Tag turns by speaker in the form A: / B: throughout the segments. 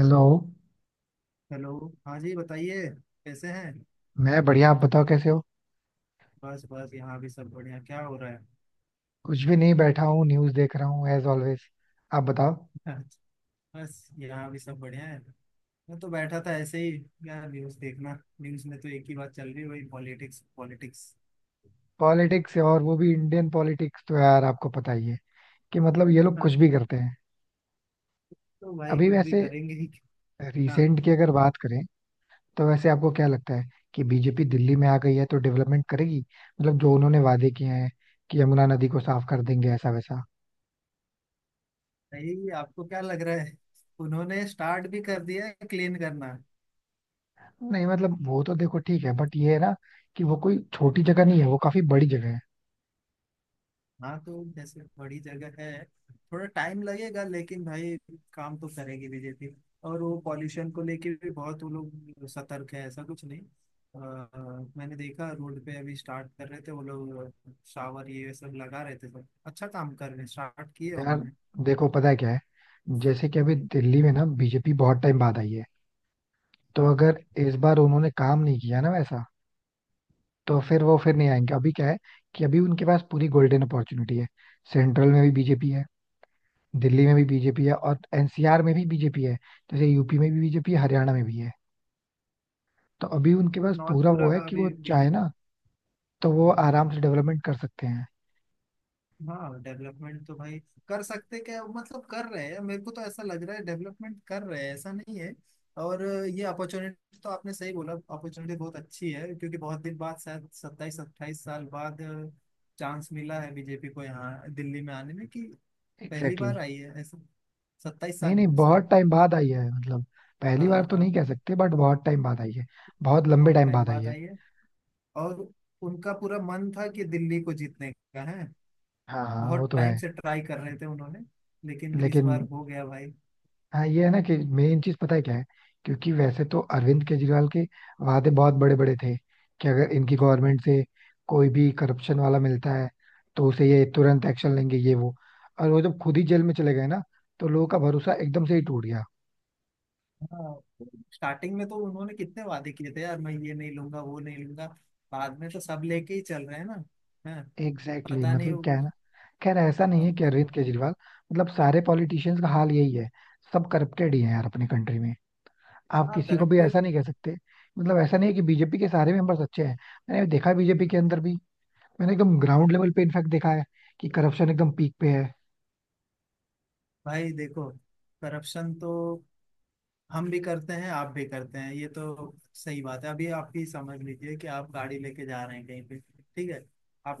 A: Hello.
B: Hello. हाँ जी बताइए। कैसे हैं?
A: मैं बढ़िया, आप बताओ कैसे हो.
B: बस बस यहाँ भी सब बढ़िया। क्या हो रहा
A: कुछ भी नहीं, बैठा हूँ न्यूज़ देख रहा हूँ एज ऑलवेज. आप बताओ.
B: है? बस यहाँ भी सब बढ़िया है। मैं तो बैठा था ऐसे ही। यार न्यूज़ देखना। न्यूज़ में तो एक ही बात चल रही है, वही पॉलिटिक्स पॉलिटिक्स।
A: पॉलिटिक्स और वो भी इंडियन पॉलिटिक्स, तो यार आपको पता ही है कि मतलब ये लोग कुछ
B: हाँ,
A: भी करते हैं.
B: तो भाई
A: अभी
B: कुछ भी
A: वैसे
B: करेंगे ही। हाँ।
A: रिसेंट की अगर बात करें, तो वैसे आपको क्या लगता है कि बीजेपी दिल्ली में आ गई है तो डेवलपमेंट करेगी, मतलब जो उन्होंने वादे किए हैं कि यमुना नदी को साफ कर देंगे ऐसा वैसा.
B: यही आपको क्या लग रहा है? उन्होंने स्टार्ट भी कर दिया है क्लीन करना।
A: नहीं मतलब वो तो देखो ठीक है, बट ये है ना कि वो कोई छोटी जगह नहीं है, वो काफी बड़ी जगह है.
B: हाँ, तो जैसे बड़ी जगह है, थोड़ा टाइम लगेगा। लेकिन भाई काम तो करेगी बीजेपी। और वो पॉल्यूशन को लेके भी बहुत वो लोग सतर्क है, ऐसा कुछ नहीं। मैंने देखा रोड पे अभी स्टार्ट कर रहे थे वो लोग। शावर ये सब लगा रहे थे, सब अच्छा काम कर रहे हैं, स्टार्ट किए
A: यार
B: उन्होंने।
A: देखो पता है क्या है, जैसे कि अभी
B: हम्म।
A: दिल्ली में ना बीजेपी बहुत टाइम बाद आई है. तो
B: हाँ।
A: अगर इस बार उन्होंने काम नहीं किया ना वैसा, तो
B: हम्म।
A: फिर वो फिर नहीं आएंगे. अभी क्या है कि अभी उनके पास पूरी गोल्डन अपॉर्चुनिटी है. सेंट्रल में भी बीजेपी है, दिल्ली में भी बीजेपी है और एनसीआर में भी बीजेपी है. जैसे यूपी में भी बीजेपी है, हरियाणा में भी है. तो अभी उनके पास
B: मतलब नॉर्थ
A: पूरा
B: पूरा
A: वो है कि वो
B: अभी
A: चाहे
B: बीजेपी।
A: ना तो वो आराम से डेवलपमेंट कर सकते हैं.
B: हाँ, डेवलपमेंट तो भाई कर सकते क्या, मतलब कर रहे हैं। मेरे को तो ऐसा लग रहा है डेवलपमेंट कर रहे हैं, ऐसा नहीं है। और ये अपॉर्चुनिटी तो आपने सही बोला, अपॉर्चुनिटी बहुत अच्छी है। क्योंकि बहुत दिन बाद, शायद 27 28 साल बाद चांस मिला है बीजेपी को यहाँ दिल्ली में आने में, कि पहली
A: एग्जैक्टली.
B: बार आई है ऐसा। सत्ताईस
A: नहीं
B: साल
A: नहीं
B: हुए शायद।
A: बहुत टाइम बाद आई है, मतलब पहली बार
B: हाँ
A: तो नहीं
B: हाँ।
A: कह सकते बट बहुत टाइम बाद आई है. बहुत लंबे
B: बहुत
A: टाइम
B: टाइम
A: बाद आई
B: बाद
A: है.
B: आई है। और उनका पूरा मन था कि दिल्ली को जीतने का है।
A: हाँ हाँ वो
B: बहुत
A: तो है.
B: टाइम से ट्राई कर रहे थे उन्होंने, लेकिन इस
A: लेकिन
B: बार हो गया भाई।
A: हाँ ये है ना कि मेन चीज पता है क्या है, क्योंकि वैसे तो अरविंद केजरीवाल के वादे बहुत बड़े बड़े थे कि अगर इनकी गवर्नमेंट से कोई भी करप्शन वाला मिलता है तो उसे ये तुरंत एक्शन लेंगे ये वो. और वो जब खुद ही जेल में चले गए ना, तो लोगों का भरोसा एकदम से ही टूट गया.
B: हाँ। स्टार्टिंग में तो उन्होंने कितने वादे किए थे यार, मैं ये नहीं लूंगा वो नहीं लूंगा। बाद में तो सब लेके ही चल रहे हैं ना। हाँ।
A: एग्जैक्टली exactly,
B: पता नहीं
A: मतलब क्या
B: वो।
A: है ना. खैर ऐसा नहीं है कि अरविंद केजरीवाल, मतलब सारे पॉलिटिशियंस का हाल यही है. सब करप्टेड ही है यार अपने कंट्री में, आप
B: हाँ,
A: किसी को भी ऐसा
B: करप्टेड।
A: नहीं कह सकते. मतलब ऐसा नहीं है कि बीजेपी के सारे मेंबर्स अच्छे हैं. मैंने देखा है बीजेपी के अंदर भी, मैंने एकदम ग्राउंड लेवल पे इनफैक्ट देखा है कि करप्शन एकदम पीक पे है.
B: भाई देखो, करप्शन तो हम भी करते हैं, आप भी करते हैं। ये तो सही बात है। अभी आप ही समझ लीजिए कि आप गाड़ी लेके जा रहे हैं कहीं पे। ठीक है।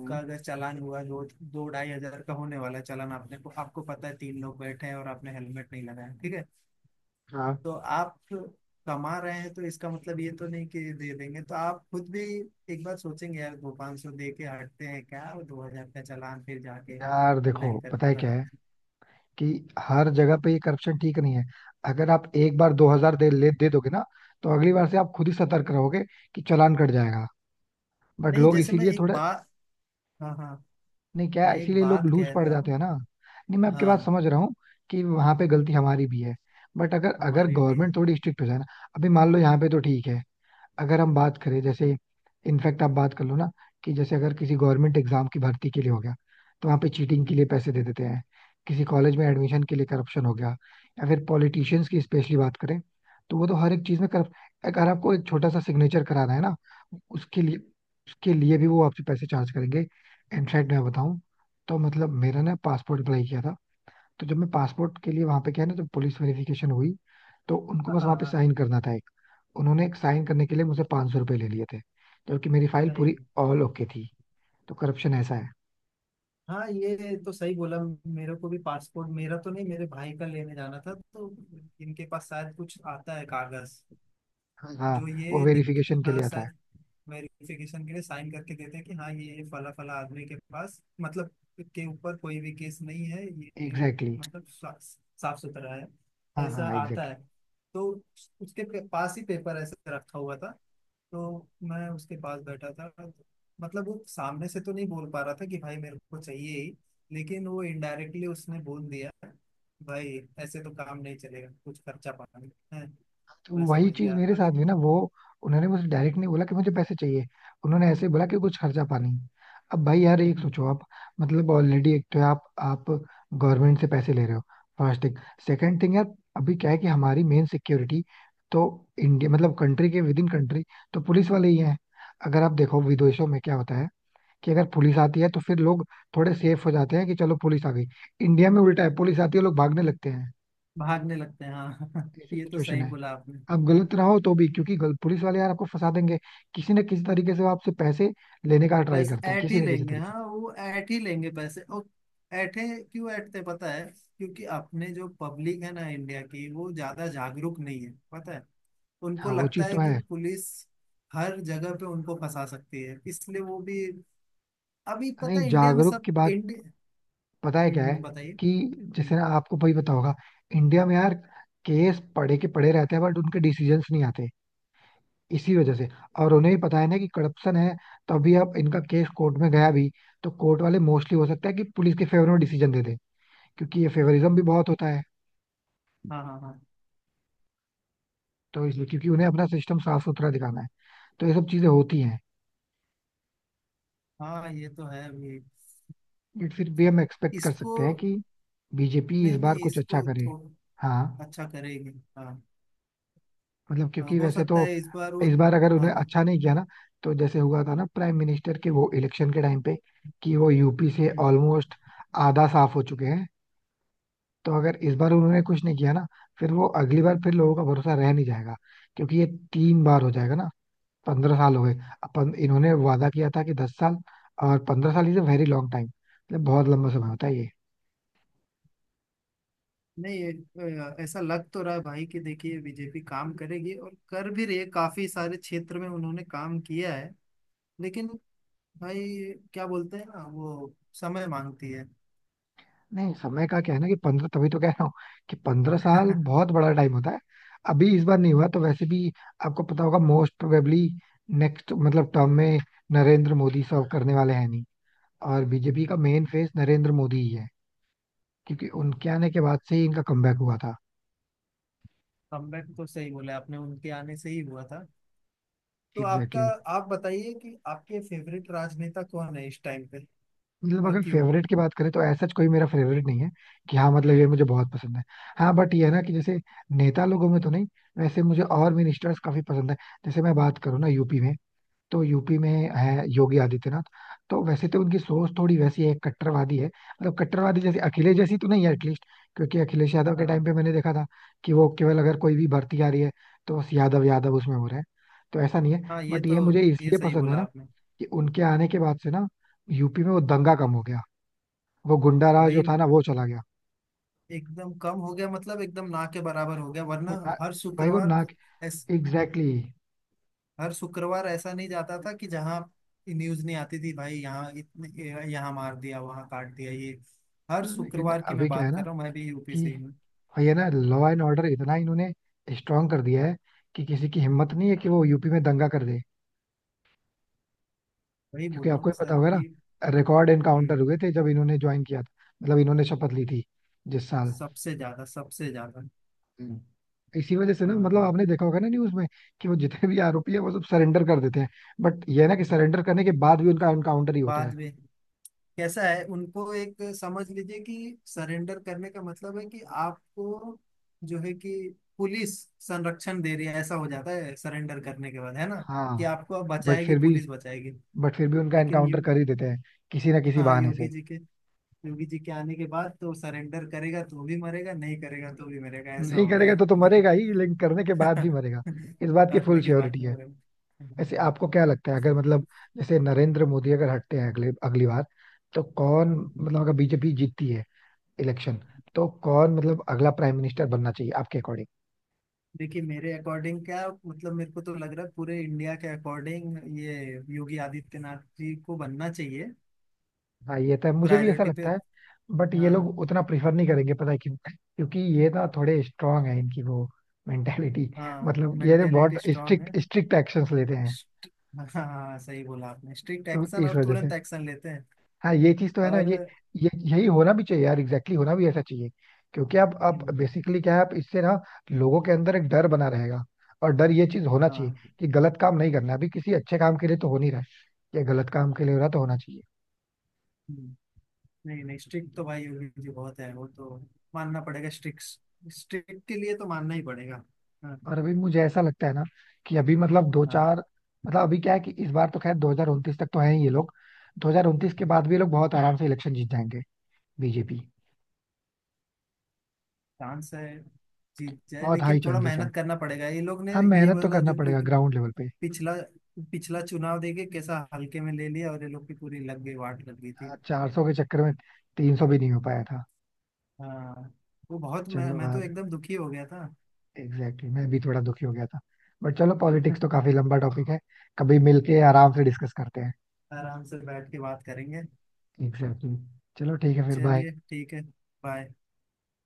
A: हम्म,
B: अगर चालान हुआ दो दो ढाई हजार का होने वाला है चालान, आपने को आपको पता है तीन लोग बैठे हैं और आपने हेलमेट नहीं लगाया। ठीक है।
A: हाँ.
B: तो आप कमा रहे हैं, तो इसका मतलब ये तो नहीं कि दे देंगे। तो आप खुद भी एक बार सोचेंगे यार, दो पाँच सौ दे के हटते हैं क्या, और 2000 का चालान फिर जाके
A: यार देखो
B: ऑनलाइन
A: पता
B: करके
A: है क्या
B: भर।
A: है, कि हर जगह पे ये करप्शन ठीक नहीं है. अगर आप एक बार दो हजार दे ले दे दोगे ना, तो अगली बार से आप खुद ही सतर्क रहोगे कि चालान कट जाएगा. बट
B: नहीं
A: लोग
B: जैसे मैं
A: इसीलिए
B: एक
A: थोड़ा.
B: बात। हाँ हाँ।
A: नहीं क्या
B: मैं
A: है,
B: एक
A: इसीलिए लोग
B: बात
A: लूज
B: कह
A: पड़
B: रहा
A: जाते
B: हूँ।
A: हैं ना. नहीं मैं आपकी बात
B: हाँ।
A: समझ रहा हूँ कि वहां पे गलती हमारी भी है, बट अगर अगर
B: हमारी भी है।
A: गवर्नमेंट थोड़ी स्ट्रिक्ट हो जाए ना. अभी मान लो यहाँ पे तो ठीक है, अगर हम बात करें जैसे, इनफैक्ट आप बात कर लो ना कि जैसे अगर किसी गवर्नमेंट एग्जाम की भर्ती के लिए हो गया, तो वहाँ पे चीटिंग के
B: हम्म।
A: लिए पैसे दे देते हैं. किसी कॉलेज में एडमिशन के लिए करप्शन हो गया, या फिर पॉलिटिशियंस की स्पेशली बात करें, तो वो तो हर एक चीज में करप. अगर आपको एक छोटा सा सिग्नेचर कराना है ना, उसके लिए, उसके लिए भी वो आपसे पैसे चार्ज करेंगे. इनफैक्ट मैं बताऊं, तो मतलब मेरा ना पासपोर्ट अप्लाई किया था, तो जब मैं पासपोर्ट के लिए वहां पे गया ना, जब पुलिस वेरिफिकेशन हुई, तो उनको
B: हाँ
A: बस वहां पे
B: हाँ
A: साइन करना था एक. उन्होंने एक साइन करने के लिए मुझसे 500 सौ रुपये ले लिए थे, जबकि मेरी फाइल पूरी
B: सही।
A: ऑल ओके थी. तो करप्शन ऐसा है.
B: हाँ ये तो सही बोला। मेरे को भी पासपोर्ट, मेरा तो नहीं, मेरे भाई का लेने जाना था। तो इनके पास शायद कुछ आता है कागज,
A: हाँ
B: जो
A: हाँ, वो वेरिफिकेशन के
B: हाँ
A: लिए आता है.
B: शायद वेरिफिकेशन के लिए साइन करके देते हैं कि हाँ ये फला फला आदमी के पास, मतलब के ऊपर कोई भी केस नहीं है ये।
A: Exactly exactly.
B: मतलब साफ सुथरा है,
A: हाँ
B: ऐसा
A: हाँ
B: आता
A: एग्जैक्टली.
B: है। तो उसके पास ही पेपर ऐसे रखा हुआ था, तो मैं उसके पास बैठा था। मतलब वो सामने से तो नहीं बोल पा रहा था कि भाई मेरे को चाहिए ही, लेकिन वो इनडायरेक्टली उसने बोल दिया, भाई ऐसे तो काम नहीं चलेगा, कुछ खर्चा पानी है।
A: तो
B: मैं
A: वही
B: समझ
A: चीज
B: गया
A: मेरे साथ
B: अभी।
A: भी ना वो, उन्होंने मुझे डायरेक्ट नहीं बोला कि मुझे पैसे चाहिए. उन्होंने ऐसे बोला कि कुछ खर्चा पानी. अब भाई यार एक सोचो आप, मतलब ऑलरेडी एक तो आप गवर्नमेंट से पैसे ले रहे हो, फर्स्ट थिंग. सेकंड थिंग यार, अभी क्या है कि हमारी मेन सिक्योरिटी तो इंडिया, मतलब कंट्री के विद इन कंट्री, तो पुलिस वाले ही हैं. अगर आप देखो विदेशों में क्या होता है, कि अगर पुलिस आती है तो फिर लोग थोड़े सेफ हो जाते हैं कि चलो पुलिस आ गई. इंडिया में उल्टा है, पुलिस आती है लोग भागने लगते हैं.
B: भागने लगते हैं हाँ।
A: ऐसी
B: ये तो
A: सिचुएशन
B: सही
A: है.
B: बोला आपने।
A: आप गलत रहो तो भी, क्योंकि पुलिस वाले यार आपको फंसा देंगे. किसी न किसी तरीके से वो आपसे पैसे लेने का ट्राई
B: पैसे
A: करते हैं,
B: ऐट
A: किसी
B: ही
A: न किसी
B: लेंगे,
A: तरीके से.
B: हाँ वो ऐट ही लेंगे पैसे। और ऐठे क्यों ऐठते पता है? क्योंकि अपने जो पब्लिक है ना इंडिया की, वो ज्यादा जागरूक नहीं है पता है। उनको
A: हाँ वो
B: लगता
A: चीज
B: है
A: तो
B: कि
A: है.
B: पुलिस हर जगह पे उनको फंसा सकती है, इसलिए वो भी। अभी पता
A: नहीं
B: है इंडिया में
A: जागरूक
B: सब
A: की बात
B: इंडिया।
A: पता है क्या है,
B: बताइए।
A: कि जैसे
B: हम्म।
A: ना आपको भाई पता होगा, इंडिया में यार केस पड़े के पड़े रहते हैं बट उनके डिसीजंस नहीं आते, इसी वजह से. और उन्हें भी पता है ना कि करप्शन है, तभी अब इनका केस कोर्ट में गया भी, तो कोर्ट वाले मोस्टली हो सकता है कि पुलिस के फेवर में डिसीजन दे दें, क्योंकि ये फेवरिज्म
B: हम्म।
A: भी बहुत होता है.
B: हाँ हाँ।
A: तो इसलिए, क्योंकि उन्हें अपना सिस्टम साफ सुथरा दिखाना है, तो ये सब चीजें होती हैं.
B: हाँ हाँ ये तो है अभी।
A: बट फिर भी हम एक्सपेक्ट कर
B: इसको।
A: सकते हैं कि बीजेपी इस
B: नहीं
A: बार
B: नहीं,
A: कुछ अच्छा
B: इसको
A: करे.
B: थोड़ा
A: हाँ
B: अच्छा करेगी हाँ।
A: मतलब
B: हाँ,
A: क्योंकि
B: हो
A: वैसे
B: सकता
A: तो,
B: है इस बार वो।
A: इस बार अगर उन्हें
B: हाँ हाँ।
A: अच्छा नहीं किया ना, तो जैसे हुआ था ना प्राइम मिनिस्टर के वो इलेक्शन के टाइम पे, कि वो यूपी से
B: हम्म।
A: ऑलमोस्ट आधा साफ हो चुके हैं. तो अगर इस बार उन्होंने कुछ नहीं किया ना, फिर वो अगली बार फिर लोगों का भरोसा रह नहीं जाएगा. क्योंकि ये तीन बार हो जाएगा ना, पंद्रह साल हो गए. अपन इन्होंने वादा किया था कि दस साल, और पंद्रह साल is a very long time, मतलब बहुत लंबा समय होता है ये.
B: नहीं ऐसा लग तो रहा है भाई, कि देखिए बीजेपी काम करेगी और कर भी रही है, काफी सारे क्षेत्र में उन्होंने काम किया है। लेकिन भाई क्या बोलते हैं ना वो, समय मांगती है।
A: नहीं समय का क्या है ना, कि पंद्रह तभी तो कह रहा हूँ कि पंद्रह साल बहुत बड़ा टाइम होता है. अभी इस बार नहीं हुआ तो वैसे भी आपको पता होगा, मोस्ट प्रोबेबली नेक्स्ट मतलब टर्म में नरेंद्र मोदी सर्व करने वाले हैं नहीं, और बीजेपी का मेन फेस नरेंद्र मोदी ही है. क्योंकि उनके आने के बाद से ही इनका कमबैक हुआ था.
B: कमबैक तो सही बोले आपने, उनके आने से ही हुआ था। तो
A: एग्जैक्टली
B: आपका
A: exactly.
B: आप बताइए कि आपके फेवरेट राजनेता कौन है इस टाइम पे,
A: मतलब
B: और
A: अगर
B: क्यों?
A: फेवरेट की बात करें तो ऐसा कोई मेरा फेवरेट नहीं है कि हाँ मतलब ये मुझे बहुत पसंद है. हाँ बट ये है ना कि जैसे नेता लोगों में तो नहीं, वैसे मुझे और मिनिस्टर्स काफी पसंद है. जैसे मैं बात करूँ ना यूपी में, तो यूपी में है योगी आदित्यनाथ. तो वैसे तो उनकी सोच थोड़ी वैसी है कट्टरवादी है, मतलब कट्टरवादी जैसे अखिलेश जैसी तो नहीं है एटलीस्ट. क्योंकि अखिलेश यादव के टाइम
B: हाँ
A: पे मैंने देखा था कि वो केवल, अगर कोई भी भर्ती आ रही है, तो बस यादव यादव उसमें हो रहा है. तो ऐसा नहीं है,
B: हाँ ये
A: बट
B: तो।
A: ये मुझे
B: ये
A: इसलिए
B: सही
A: पसंद है
B: बोला
A: ना
B: आपने।
A: कि उनके आने के बाद से ना यूपी में वो दंगा कम हो गया, वो गुंडा राज
B: भाई
A: जो था ना वो चला गया.
B: एकदम कम हो गया, मतलब एकदम ना के बराबर हो गया। वरना
A: वो ना,
B: हर
A: भाई वो
B: शुक्रवार
A: ना.
B: तो ऐस,
A: एग्जैक्टली exactly.
B: हर शुक्रवार ऐसा नहीं जाता था कि जहाँ न्यूज नहीं आती थी भाई। यहाँ इतने, यहाँ मार दिया वहाँ काट दिया ये। हर
A: लेकिन
B: शुक्रवार की
A: अभी
B: मैं
A: क्या है
B: बात
A: ना
B: कर रहा हूँ, मैं भी यूपी से
A: कि,
B: ही हूँ।
A: और ये ना लॉ एंड ऑर्डर इतना इन्होंने स्ट्रांग कर दिया है कि किसी की हिम्मत नहीं है कि वो यूपी में दंगा कर दे.
B: वही
A: क्योंकि
B: बोल रहा हूँ
A: आपको
B: ना
A: ही पता
B: सर
A: होगा ना,
B: कि।
A: रिकॉर्ड एनकाउंटर
B: हम्म।
A: हुए थे जब इन्होंने ज्वाइन किया था, मतलब इन्होंने शपथ ली थी जिस साल.
B: सबसे ज्यादा सबसे ज्यादा।
A: हम्म. इसी वजह से ना, मतलब
B: हाँ।
A: आपने देखा होगा ना न्यूज में कि वो जितने भी आरोपी है वो सब सरेंडर कर देते हैं. बट ये है ना कि सरेंडर करने के बाद भी उनका एनकाउंटर ही होता है.
B: बाद में कैसा है, उनको एक समझ लीजिए कि सरेंडर करने का मतलब है कि आपको जो है कि पुलिस संरक्षण दे रही है, ऐसा हो जाता है सरेंडर करने के बाद है ना, कि
A: हाँ.
B: आपको अब
A: बट
B: बचाएगी,
A: फिर भी
B: पुलिस बचाएगी।
A: बट फिर भी उनका
B: लेकिन
A: एनकाउंटर
B: यो,
A: कर ही देते हैं, किसी ना किसी
B: हाँ
A: बहाने से.
B: योगी जी के आने के बाद तो सरेंडर करेगा तो भी मरेगा, नहीं करेगा तो भी मरेगा, ऐसा
A: नहीं
B: हो गया
A: करेगा तो मरेगा ही, लेकिन करने के बाद भी
B: है।
A: मरेगा. इस बात की फुल
B: करने के बाद
A: श्योरिटी है. ऐसे
B: मरेगा।
A: आपको क्या लगता है, अगर मतलब जैसे नरेंद्र मोदी अगर हटते हैं अगले अगली बार, तो कौन, मतलब अगर बीजेपी जीतती है इलेक्शन, तो कौन मतलब अगला प्राइम मिनिस्टर बनना चाहिए आपके अकॉर्डिंग.
B: देखिए मेरे अकॉर्डिंग क्या, मतलब मेरे को तो लग रहा है पूरे इंडिया के अकॉर्डिंग ये योगी आदित्यनाथ जी को बनना चाहिए
A: हाँ ये तो है, मुझे भी ऐसा
B: प्रायोरिटी पे।
A: लगता है. बट ये
B: हाँ
A: लोग उतना प्रीफर नहीं करेंगे, पता है क्यों, क्योंकि ये ना थोड़े स्ट्रांग है इनकी वो मेंटेलिटी.
B: हाँ,
A: मतलब ये ना बहुत
B: मेंटेलिटी स्ट्रांग है।
A: स्ट्रिक्ट, स्ट्रिक्ट एक्शंस लेते हैं.
B: Strict- हाँ हाँ सही बोला आपने, स्ट्रिक्ट
A: तो
B: एक्शन
A: इस
B: और
A: वजह से,
B: तुरंत एक्शन लेते हैं।
A: हाँ ये चीज तो है ना.
B: और
A: ये यही होना भी चाहिए यार, एग्जैक्टली होना भी ऐसा चाहिए. क्योंकि आप
B: हम्म।
A: बेसिकली क्या है, आप इससे ना लोगों के अंदर एक डर बना रहेगा, और डर ये चीज होना चाहिए
B: हाँ।
A: कि गलत काम नहीं करना है. अभी किसी अच्छे काम के लिए तो हो नहीं रहा है, ये गलत काम के लिए हो रहा तो होना चाहिए.
B: हम्म। नहीं नहीं, स्ट्रिक्ट तो भाई योगी जी बहुत है वो तो, मानना पड़ेगा स्ट्रिक्ट। स्ट्रिक्ट के लिए तो मानना ही पड़ेगा। हाँ
A: और अभी मुझे ऐसा लगता है ना कि अभी, मतलब दो
B: हाँ,
A: चार, मतलब अभी क्या है कि इस बार तो खैर दो हजार उनतीस तक तो है ही ये लोग. दो हजार उनतीस के बाद भी ये लोग बहुत आराम से इलेक्शन जीत जाएंगे, बीजेपी.
B: चांस है जीत जाए,
A: बहुत हाई
B: लेकिन थोड़ा
A: चांसेस है.
B: मेहनत करना पड़ेगा ये लोग ने।
A: हाँ
B: ये
A: मेहनत तो
B: वाला
A: करना
B: जो
A: पड़ेगा ग्राउंड लेवल पे.
B: पिछला पिछला चुनाव देके कैसा हल्के में ले लिया, और ये लोग की पूरी लग गई, वाट लग गई थी।
A: चार सौ के चक्कर में तीन सौ भी नहीं हो पाया था.
B: हाँ। वो बहुत मैं
A: चलो
B: मैं
A: यार
B: तो एकदम दुखी हो गया था।
A: एग्जैक्टली exactly, मैं भी थोड़ा दुखी हो गया था. बट चलो पॉलिटिक्स तो काफी लंबा टॉपिक है, कभी मिलके
B: हाँ,
A: आराम से डिस्कस करते हैं.
B: आराम से बैठ के बात करेंगे।
A: Exactly exactly. चलो ठीक है फिर बाय.
B: चलिए ठीक है। बाय।